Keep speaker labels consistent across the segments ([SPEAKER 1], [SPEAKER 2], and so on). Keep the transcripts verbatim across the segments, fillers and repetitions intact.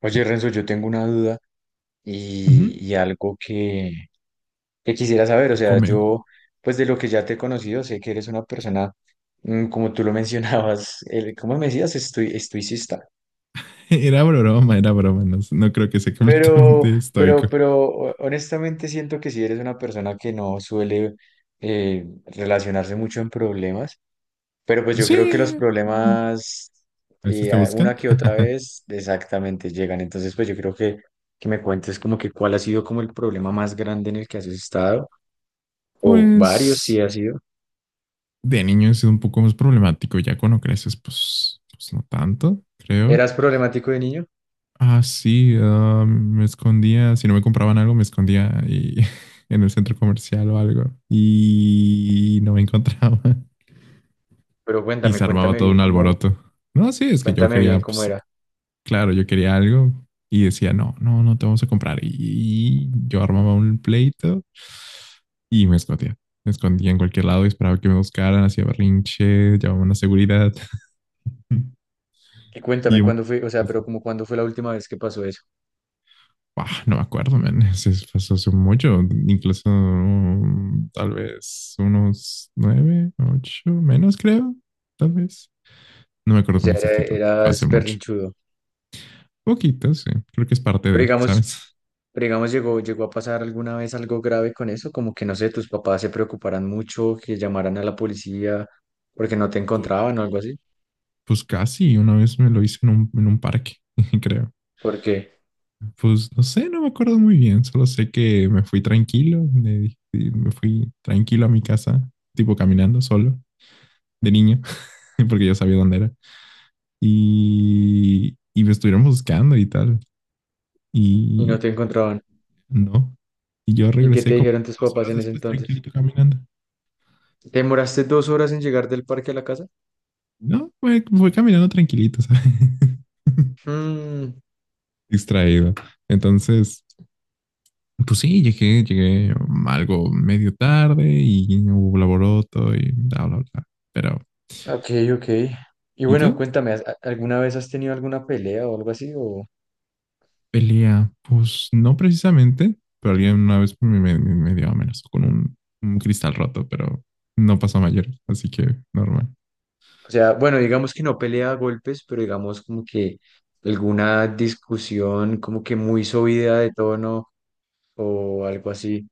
[SPEAKER 1] Oye, Renzo, yo tengo una duda
[SPEAKER 2] Ujú.
[SPEAKER 1] y, y algo que, que quisiera saber. O sea,
[SPEAKER 2] Come.
[SPEAKER 1] yo, pues de lo que ya te he conocido, sé que eres una persona, mm, como tú lo mencionabas, el, ¿cómo me decías? Estoi- estoicista.
[SPEAKER 2] Era broma, era broma. No, no creo que sea
[SPEAKER 1] Pero,
[SPEAKER 2] completamente
[SPEAKER 1] pero,
[SPEAKER 2] estoico.
[SPEAKER 1] pero ho- honestamente siento que si eres una persona que no suele eh, relacionarse mucho en problemas. Pero pues yo creo que los
[SPEAKER 2] Sí. mm,
[SPEAKER 1] problemas
[SPEAKER 2] A veces
[SPEAKER 1] eh,
[SPEAKER 2] te
[SPEAKER 1] a- una
[SPEAKER 2] buscan.
[SPEAKER 1] que otra vez exactamente llegan. Entonces pues yo creo que, que me cuentes como que cuál ha sido como el problema más grande en el que has estado, o varios
[SPEAKER 2] Pues
[SPEAKER 1] sí ha sido.
[SPEAKER 2] de niño es un poco más problemático. Ya cuando creces, pues, pues no tanto, creo.
[SPEAKER 1] ¿Eras problemático de niño?
[SPEAKER 2] Ah, sí. Ah, me escondía. Si no me compraban algo, me escondía y- en el centro comercial o algo. Y no me encontraba.
[SPEAKER 1] Pero
[SPEAKER 2] Y
[SPEAKER 1] cuéntame,
[SPEAKER 2] se armaba
[SPEAKER 1] cuéntame
[SPEAKER 2] todo
[SPEAKER 1] bien
[SPEAKER 2] un
[SPEAKER 1] cómo,
[SPEAKER 2] alboroto. No, sí, es que yo
[SPEAKER 1] cuéntame
[SPEAKER 2] quería,
[SPEAKER 1] bien cómo
[SPEAKER 2] pues,
[SPEAKER 1] era.
[SPEAKER 2] claro, yo quería algo y decía, no, no, no te vamos a comprar. Y yo armaba un pleito y me escondía. Me escondía en cualquier lado y esperaba que me buscaran, hacía berrinche, llamaba a la seguridad.
[SPEAKER 1] Y
[SPEAKER 2] Y
[SPEAKER 1] cuéntame
[SPEAKER 2] un-
[SPEAKER 1] cuándo fue, o sea,
[SPEAKER 2] pues,
[SPEAKER 1] pero como cuándo fue la última vez que pasó eso.
[SPEAKER 2] ah, no me acuerdo, man. Eso es- pasó hace mucho, incluso mm, tal vez unos nueve, ocho, menos creo, tal vez. No me acuerdo
[SPEAKER 1] O
[SPEAKER 2] con
[SPEAKER 1] sea, era-
[SPEAKER 2] exactitud, fue hace
[SPEAKER 1] eras
[SPEAKER 2] mucho.
[SPEAKER 1] berrinchudo.
[SPEAKER 2] Poquito, sí. Creo que es parte
[SPEAKER 1] Pero
[SPEAKER 2] de,
[SPEAKER 1] digamos,
[SPEAKER 2] ¿sabes?
[SPEAKER 1] Pero digamos, llegó, llegó a pasar alguna vez algo grave con eso, como que no sé, tus papás se preocuparan mucho, que llamaran a la policía porque no te encontraban o algo así.
[SPEAKER 2] Pues casi, una vez me lo hice en un, en un parque, creo.
[SPEAKER 1] ¿Por qué?
[SPEAKER 2] Pues no sé, no me acuerdo muy bien, solo sé que me fui tranquilo, me, di- me fui tranquilo a mi casa, tipo caminando solo, de niño, porque yo sabía dónde era. Y, y me estuvieron buscando y tal,
[SPEAKER 1] Y no
[SPEAKER 2] y
[SPEAKER 1] te encontraban.
[SPEAKER 2] no. Y yo
[SPEAKER 1] ¿Y qué
[SPEAKER 2] regresé
[SPEAKER 1] te
[SPEAKER 2] como
[SPEAKER 1] dijeron tus
[SPEAKER 2] dos
[SPEAKER 1] papás
[SPEAKER 2] horas
[SPEAKER 1] en ese
[SPEAKER 2] después
[SPEAKER 1] entonces?
[SPEAKER 2] tranquilito caminando.
[SPEAKER 1] ¿Te demoraste dos horas en llegar del parque a la casa?
[SPEAKER 2] No, fue, fue caminando tranquilito, ¿sabes?
[SPEAKER 1] Mm,
[SPEAKER 2] Distraído. Entonces, pues sí, llegué, llegué algo medio tarde y hubo laboroto y bla, bla, bla. Pero,
[SPEAKER 1] ok, ok. Y
[SPEAKER 2] ¿y
[SPEAKER 1] bueno,
[SPEAKER 2] tú?
[SPEAKER 1] cuéntame, ¿has- a- ¿alguna vez has tenido alguna pelea o algo así? O, o
[SPEAKER 2] Pelea, pues no precisamente, pero alguien una vez me, me, me dio menos con un, un cristal roto, pero no pasó a mayor, así que normal.
[SPEAKER 1] sea, bueno, digamos que no pelea a golpes, pero digamos como que alguna discusión como que muy subida de tono o algo así.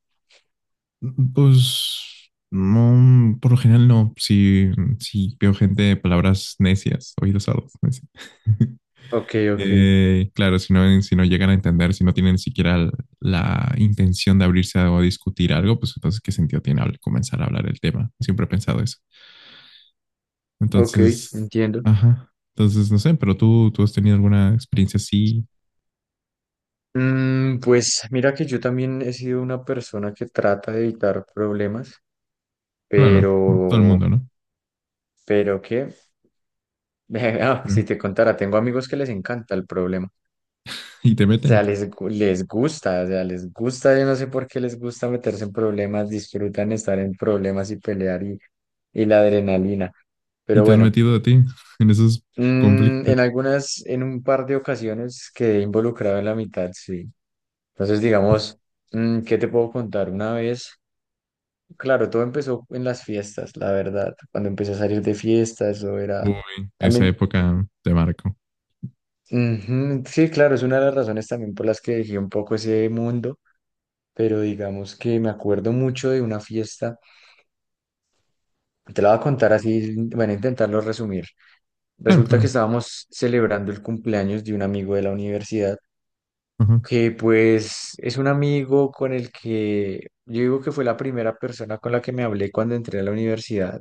[SPEAKER 2] Pues no, por lo general no, si, si veo gente de palabras necias, oídos sordos, necios.
[SPEAKER 1] Ok, ok,
[SPEAKER 2] Eh, claro, si no, si no llegan a entender, si no tienen ni siquiera l- la intención de abrirse a- o discutir algo, pues entonces, ¿qué sentido tiene habl- comenzar a hablar el tema? Siempre he pensado eso.
[SPEAKER 1] ok,
[SPEAKER 2] Entonces,
[SPEAKER 1] entiendo.
[SPEAKER 2] ajá. Entonces, no sé, pero tú, tú has tenido alguna experiencia así.
[SPEAKER 1] Mm, pues mira que yo también he sido una persona que trata de evitar problemas,
[SPEAKER 2] Claro, todo el
[SPEAKER 1] pero,
[SPEAKER 2] mundo, ¿no?
[SPEAKER 1] pero que, ah,
[SPEAKER 2] Pero-
[SPEAKER 1] si te contara, tengo amigos que les encanta el problema.
[SPEAKER 2] y te
[SPEAKER 1] O
[SPEAKER 2] meten,
[SPEAKER 1] sea, les, gu- les gusta, o sea, les gusta, yo no sé por qué les gusta meterse en problemas, disfrutan estar en problemas y pelear y, y la adrenalina.
[SPEAKER 2] y
[SPEAKER 1] Pero
[SPEAKER 2] te han
[SPEAKER 1] bueno,
[SPEAKER 2] metido a ti en esos
[SPEAKER 1] mm, en
[SPEAKER 2] conflictos.
[SPEAKER 1] algunas, en un par de ocasiones quedé involucrado en la mitad, sí. Entonces, digamos, mm, ¿qué te puedo contar? Una vez, claro, todo empezó en las fiestas, la verdad. Cuando empecé a salir de fiestas, eso era
[SPEAKER 2] Uy, esa
[SPEAKER 1] también,
[SPEAKER 2] época te marco.
[SPEAKER 1] ujú, sí, claro, es una de las razones también por las que dejé un poco ese mundo, pero digamos que me acuerdo mucho de una fiesta. Te la voy a contar así, bueno, intentarlo resumir.
[SPEAKER 2] Claro,
[SPEAKER 1] Resulta que
[SPEAKER 2] claro.
[SPEAKER 1] estábamos celebrando el cumpleaños de un amigo de la universidad.
[SPEAKER 2] Ajá.
[SPEAKER 1] Que pues es un amigo con el que yo digo que fue la primera persona con la que me hablé cuando entré a la universidad,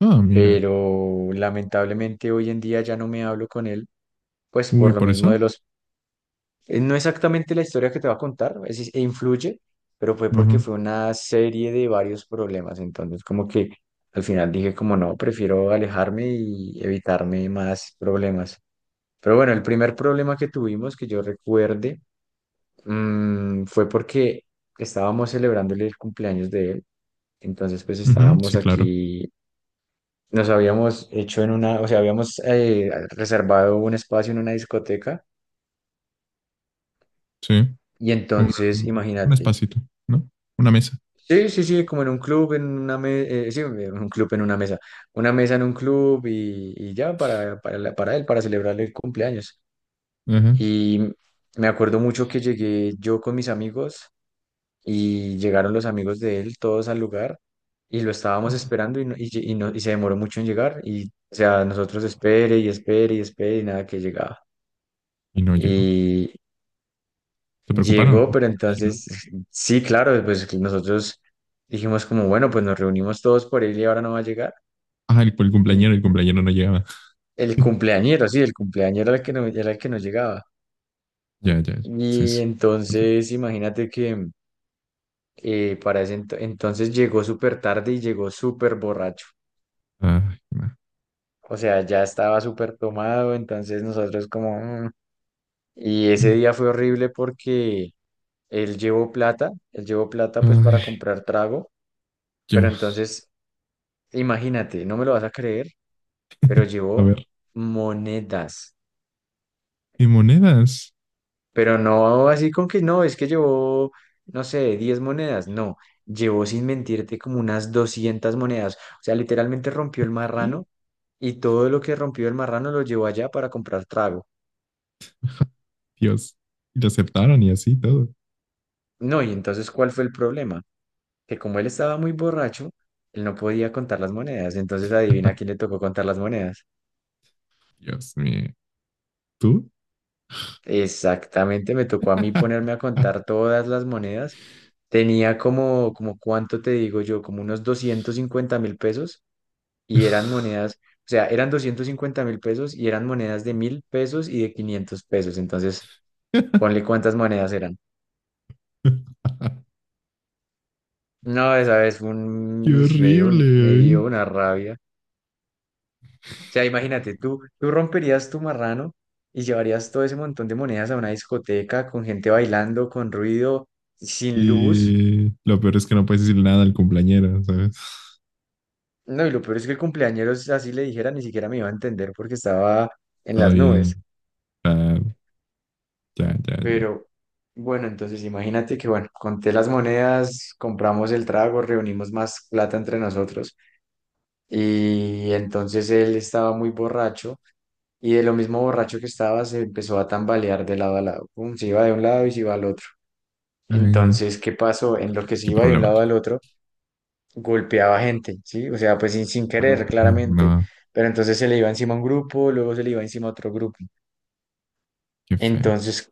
[SPEAKER 2] Ah, mira.
[SPEAKER 1] pero lamentablemente hoy en día ya no me hablo con él, pues
[SPEAKER 2] Uy,
[SPEAKER 1] por lo
[SPEAKER 2] por
[SPEAKER 1] mismo
[SPEAKER 2] eso.
[SPEAKER 1] de los... eh, No exactamente la historia que te va a contar, es, es- influye, pero fue porque
[SPEAKER 2] Ajá.
[SPEAKER 1] fue una serie de varios problemas, entonces como que al final dije como no, prefiero alejarme y evitarme más problemas. Pero bueno, el primer problema que tuvimos, que yo recuerde, mm, fue porque estábamos celebrándole el cumpleaños de él, entonces pues
[SPEAKER 2] Ujú,
[SPEAKER 1] estábamos
[SPEAKER 2] sí, claro.
[SPEAKER 1] aquí, nos habíamos hecho en una, o sea, habíamos eh, reservado un espacio en una discoteca
[SPEAKER 2] Sí.
[SPEAKER 1] y
[SPEAKER 2] un,
[SPEAKER 1] entonces
[SPEAKER 2] un
[SPEAKER 1] imagínate,
[SPEAKER 2] espacito, ¿no? Una mesa.
[SPEAKER 1] sí, sí, sí, como en un club, en una mesa, sí, en un club, en una mesa, una mesa en un club y, y ya para, para, la- para él, para celebrarle el cumpleaños.
[SPEAKER 2] Ajá.
[SPEAKER 1] Y me acuerdo mucho que llegué yo con mis amigos y llegaron los amigos de él todos al lugar y lo estábamos esperando y, no- y, lle- y no- y se demoró mucho en llegar y o sea, nosotros espere y espere y espere y nada que llegaba.
[SPEAKER 2] Y no llegó.
[SPEAKER 1] Y
[SPEAKER 2] ¿Te preocuparon? ¿Te
[SPEAKER 1] llegó, pero
[SPEAKER 2] imagino?
[SPEAKER 1] entonces sí, claro, pues que nosotros dijimos como, bueno, pues nos reunimos todos por él y ahora no va a llegar.
[SPEAKER 2] Ah, el, el
[SPEAKER 1] En-
[SPEAKER 2] cumpleañero, el cumpleañero no llegaba.
[SPEAKER 1] El cumpleañero, sí, el cumpleañero era el que no, era el que no llegaba.
[SPEAKER 2] Ya, ya, ya. Sí,
[SPEAKER 1] Y
[SPEAKER 2] sí.
[SPEAKER 1] entonces imagínate que eh, para ese ento- entonces llegó súper tarde y llegó súper borracho.
[SPEAKER 2] Ay, ma.
[SPEAKER 1] O sea, ya estaba súper tomado, entonces nosotros como... "Mm". Y ese día fue horrible porque él llevó plata, él llevó plata pues para
[SPEAKER 2] Ay,
[SPEAKER 1] comprar trago, pero
[SPEAKER 2] ya.
[SPEAKER 1] entonces, imagínate, no me lo vas a creer, pero
[SPEAKER 2] A ver.
[SPEAKER 1] llevó monedas,
[SPEAKER 2] ¿Y monedas?
[SPEAKER 1] pero no así con que no, es que llevó, no sé, diez monedas, no, llevó sin mentirte como unas doscientas monedas, o sea, literalmente rompió el
[SPEAKER 2] ¿Qué?
[SPEAKER 1] marrano y todo lo que rompió el marrano lo llevó allá para comprar trago.
[SPEAKER 2] Dios. Y lo aceptaron y así todo.
[SPEAKER 1] No, y entonces, ¿cuál fue el problema? Que como él estaba muy borracho, él no podía contar las monedas. Entonces, adivina a quién le tocó contar las monedas.
[SPEAKER 2] Dios mío. ¿Tú?
[SPEAKER 1] Exactamente, me tocó a mí ponerme a contar todas las monedas. Tenía como, como cuánto te digo yo, como unos doscientos cincuenta mil pesos y eran monedas, o sea, eran doscientos cincuenta mil pesos y eran monedas de mil pesos y de quinientos pesos. Entonces, ponle cuántas monedas eran. No, esa vez fue
[SPEAKER 2] Qué
[SPEAKER 1] un, uy, me dio
[SPEAKER 2] horrible.
[SPEAKER 1] un- me dio
[SPEAKER 2] Ay.
[SPEAKER 1] una rabia. O sea, imagínate, tú, tú romperías tu marrano y llevarías todo ese montón de monedas a una discoteca con gente bailando, con ruido, sin luz.
[SPEAKER 2] Y lo peor es que no puedes decir nada al cumpleañero, ¿sabes?
[SPEAKER 1] No, y lo peor es que el cumpleañero, si así le dijera, ni siquiera me iba a entender porque estaba en
[SPEAKER 2] Está
[SPEAKER 1] las nubes.
[SPEAKER 2] bien. Ah, ya, ya, ya.
[SPEAKER 1] Pero bueno, entonces imagínate que, bueno, conté las monedas, compramos el trago, reunimos más plata entre nosotros y entonces él estaba muy borracho y de lo mismo borracho que estaba se empezó a tambalear de lado a lado. Pum, se iba de un lado y se iba al otro.
[SPEAKER 2] Ay, no.
[SPEAKER 1] Entonces, ¿qué pasó? En lo que se
[SPEAKER 2] Qué
[SPEAKER 1] iba de un lado
[SPEAKER 2] problemática.
[SPEAKER 1] al otro, golpeaba gente, ¿sí? O sea, pues sin, sin querer,
[SPEAKER 2] Ay,
[SPEAKER 1] claramente.
[SPEAKER 2] no,
[SPEAKER 1] Pero entonces se le iba encima a un grupo, luego se le iba encima a otro grupo.
[SPEAKER 2] qué feo.
[SPEAKER 1] Entonces,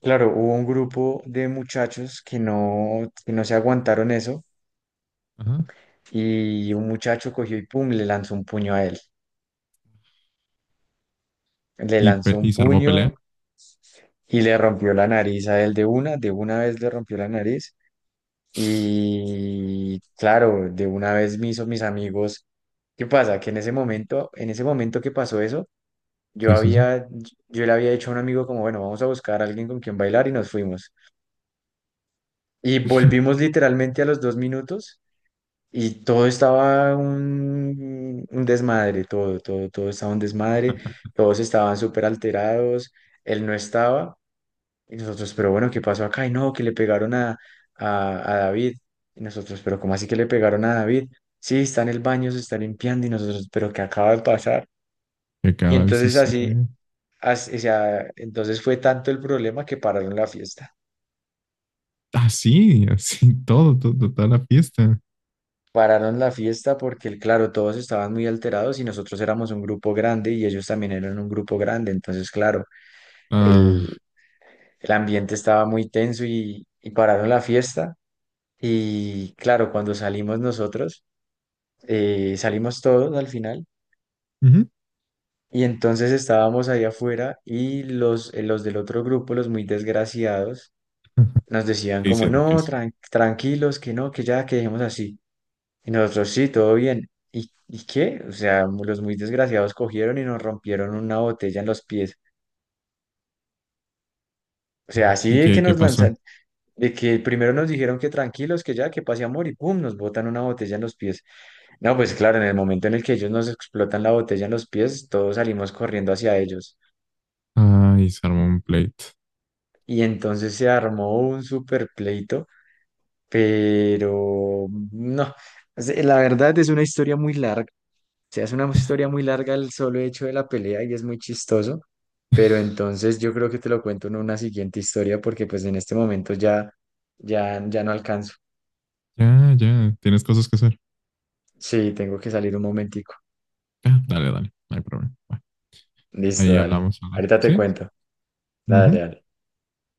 [SPEAKER 1] claro, hubo un grupo de muchachos que no, que no, se aguantaron eso
[SPEAKER 2] Ajá.
[SPEAKER 1] y un muchacho cogió y pum, le lanzó un puño a él. Le
[SPEAKER 2] ¿Y,
[SPEAKER 1] lanzó
[SPEAKER 2] pe-
[SPEAKER 1] un
[SPEAKER 2] y se armó pelea?
[SPEAKER 1] puño y le rompió la nariz a él de una, de una vez le rompió la nariz. Y claro, de una vez me hizo mis amigos. ¿Qué pasa? Que en ese momento, en ese momento que pasó eso, yo
[SPEAKER 2] Sí, sí, sí.
[SPEAKER 1] había, yo le había dicho a un amigo como, bueno, vamos a buscar a alguien con quien bailar y nos fuimos. Y volvimos literalmente a los dos minutos y todo estaba un, un desmadre, todo, todo, todo estaba un desmadre, todos estaban súper alterados, él no estaba y nosotros, pero bueno, ¿qué pasó acá? Y no, que le pegaron a, a, a David. Y nosotros, pero ¿cómo así que le pegaron a David? Sí, está en el baño, se está limpiando y nosotros, pero ¿qué acaba de pasar?
[SPEAKER 2] ¿Qué
[SPEAKER 1] Y
[SPEAKER 2] acaba de
[SPEAKER 1] entonces así,
[SPEAKER 2] suceder?
[SPEAKER 1] as- o sea, entonces fue tanto el problema que pararon la fiesta.
[SPEAKER 2] Ah, sí, así, todo, todo, toda la fiesta.
[SPEAKER 1] Pararon la fiesta porque, claro, todos estaban muy alterados y nosotros éramos un grupo grande y ellos también eran un grupo grande. Entonces, claro,
[SPEAKER 2] Ah,
[SPEAKER 1] el, el ambiente estaba muy tenso y, y pararon la fiesta. Y claro, cuando salimos nosotros, eh, salimos todos al final.
[SPEAKER 2] ujú.
[SPEAKER 1] Y entonces estábamos ahí afuera y los, eh, los del otro grupo, los muy desgraciados,
[SPEAKER 2] Ajá.
[SPEAKER 1] nos decían
[SPEAKER 2] ¿Qué
[SPEAKER 1] como,
[SPEAKER 2] hicieron? ¿Qué
[SPEAKER 1] no,
[SPEAKER 2] hicieron?
[SPEAKER 1] tran- tranquilos, que no, que ya, que dejemos así. Y nosotros, sí, todo bien. ¿Y, y qué? O sea, mu- los muy desgraciados cogieron y nos rompieron una botella en los pies. O
[SPEAKER 2] Ay,
[SPEAKER 1] sea, así
[SPEAKER 2] ¿y
[SPEAKER 1] de
[SPEAKER 2] qué,
[SPEAKER 1] que
[SPEAKER 2] qué
[SPEAKER 1] nos
[SPEAKER 2] pasó?
[SPEAKER 1] lanzan, de que primero nos dijeron que tranquilos, que ya, que pase amor, y pum, nos botan una botella en los pies. No, pues claro, en el momento en el que ellos nos explotan la botella en los pies, todos salimos corriendo hacia ellos.
[SPEAKER 2] Ay, se armó un pleito.
[SPEAKER 1] Y entonces se armó un super pleito, pero no, o sea, la verdad es una historia muy larga. Se hace una historia muy larga el solo hecho de la pelea y es muy chistoso, pero entonces yo creo que te lo cuento en una siguiente historia porque pues en este momento ya, ya, ya no alcanzo.
[SPEAKER 2] Ya, ya, tienes cosas que hacer.
[SPEAKER 1] Sí, tengo que salir un momentico.
[SPEAKER 2] Ya, dale, dale, no hay problema. Va.
[SPEAKER 1] Listo,
[SPEAKER 2] Ahí
[SPEAKER 1] dale.
[SPEAKER 2] hablamos. Al rato.
[SPEAKER 1] Ahorita te
[SPEAKER 2] ¿Sí?
[SPEAKER 1] cuento. Dale, dale.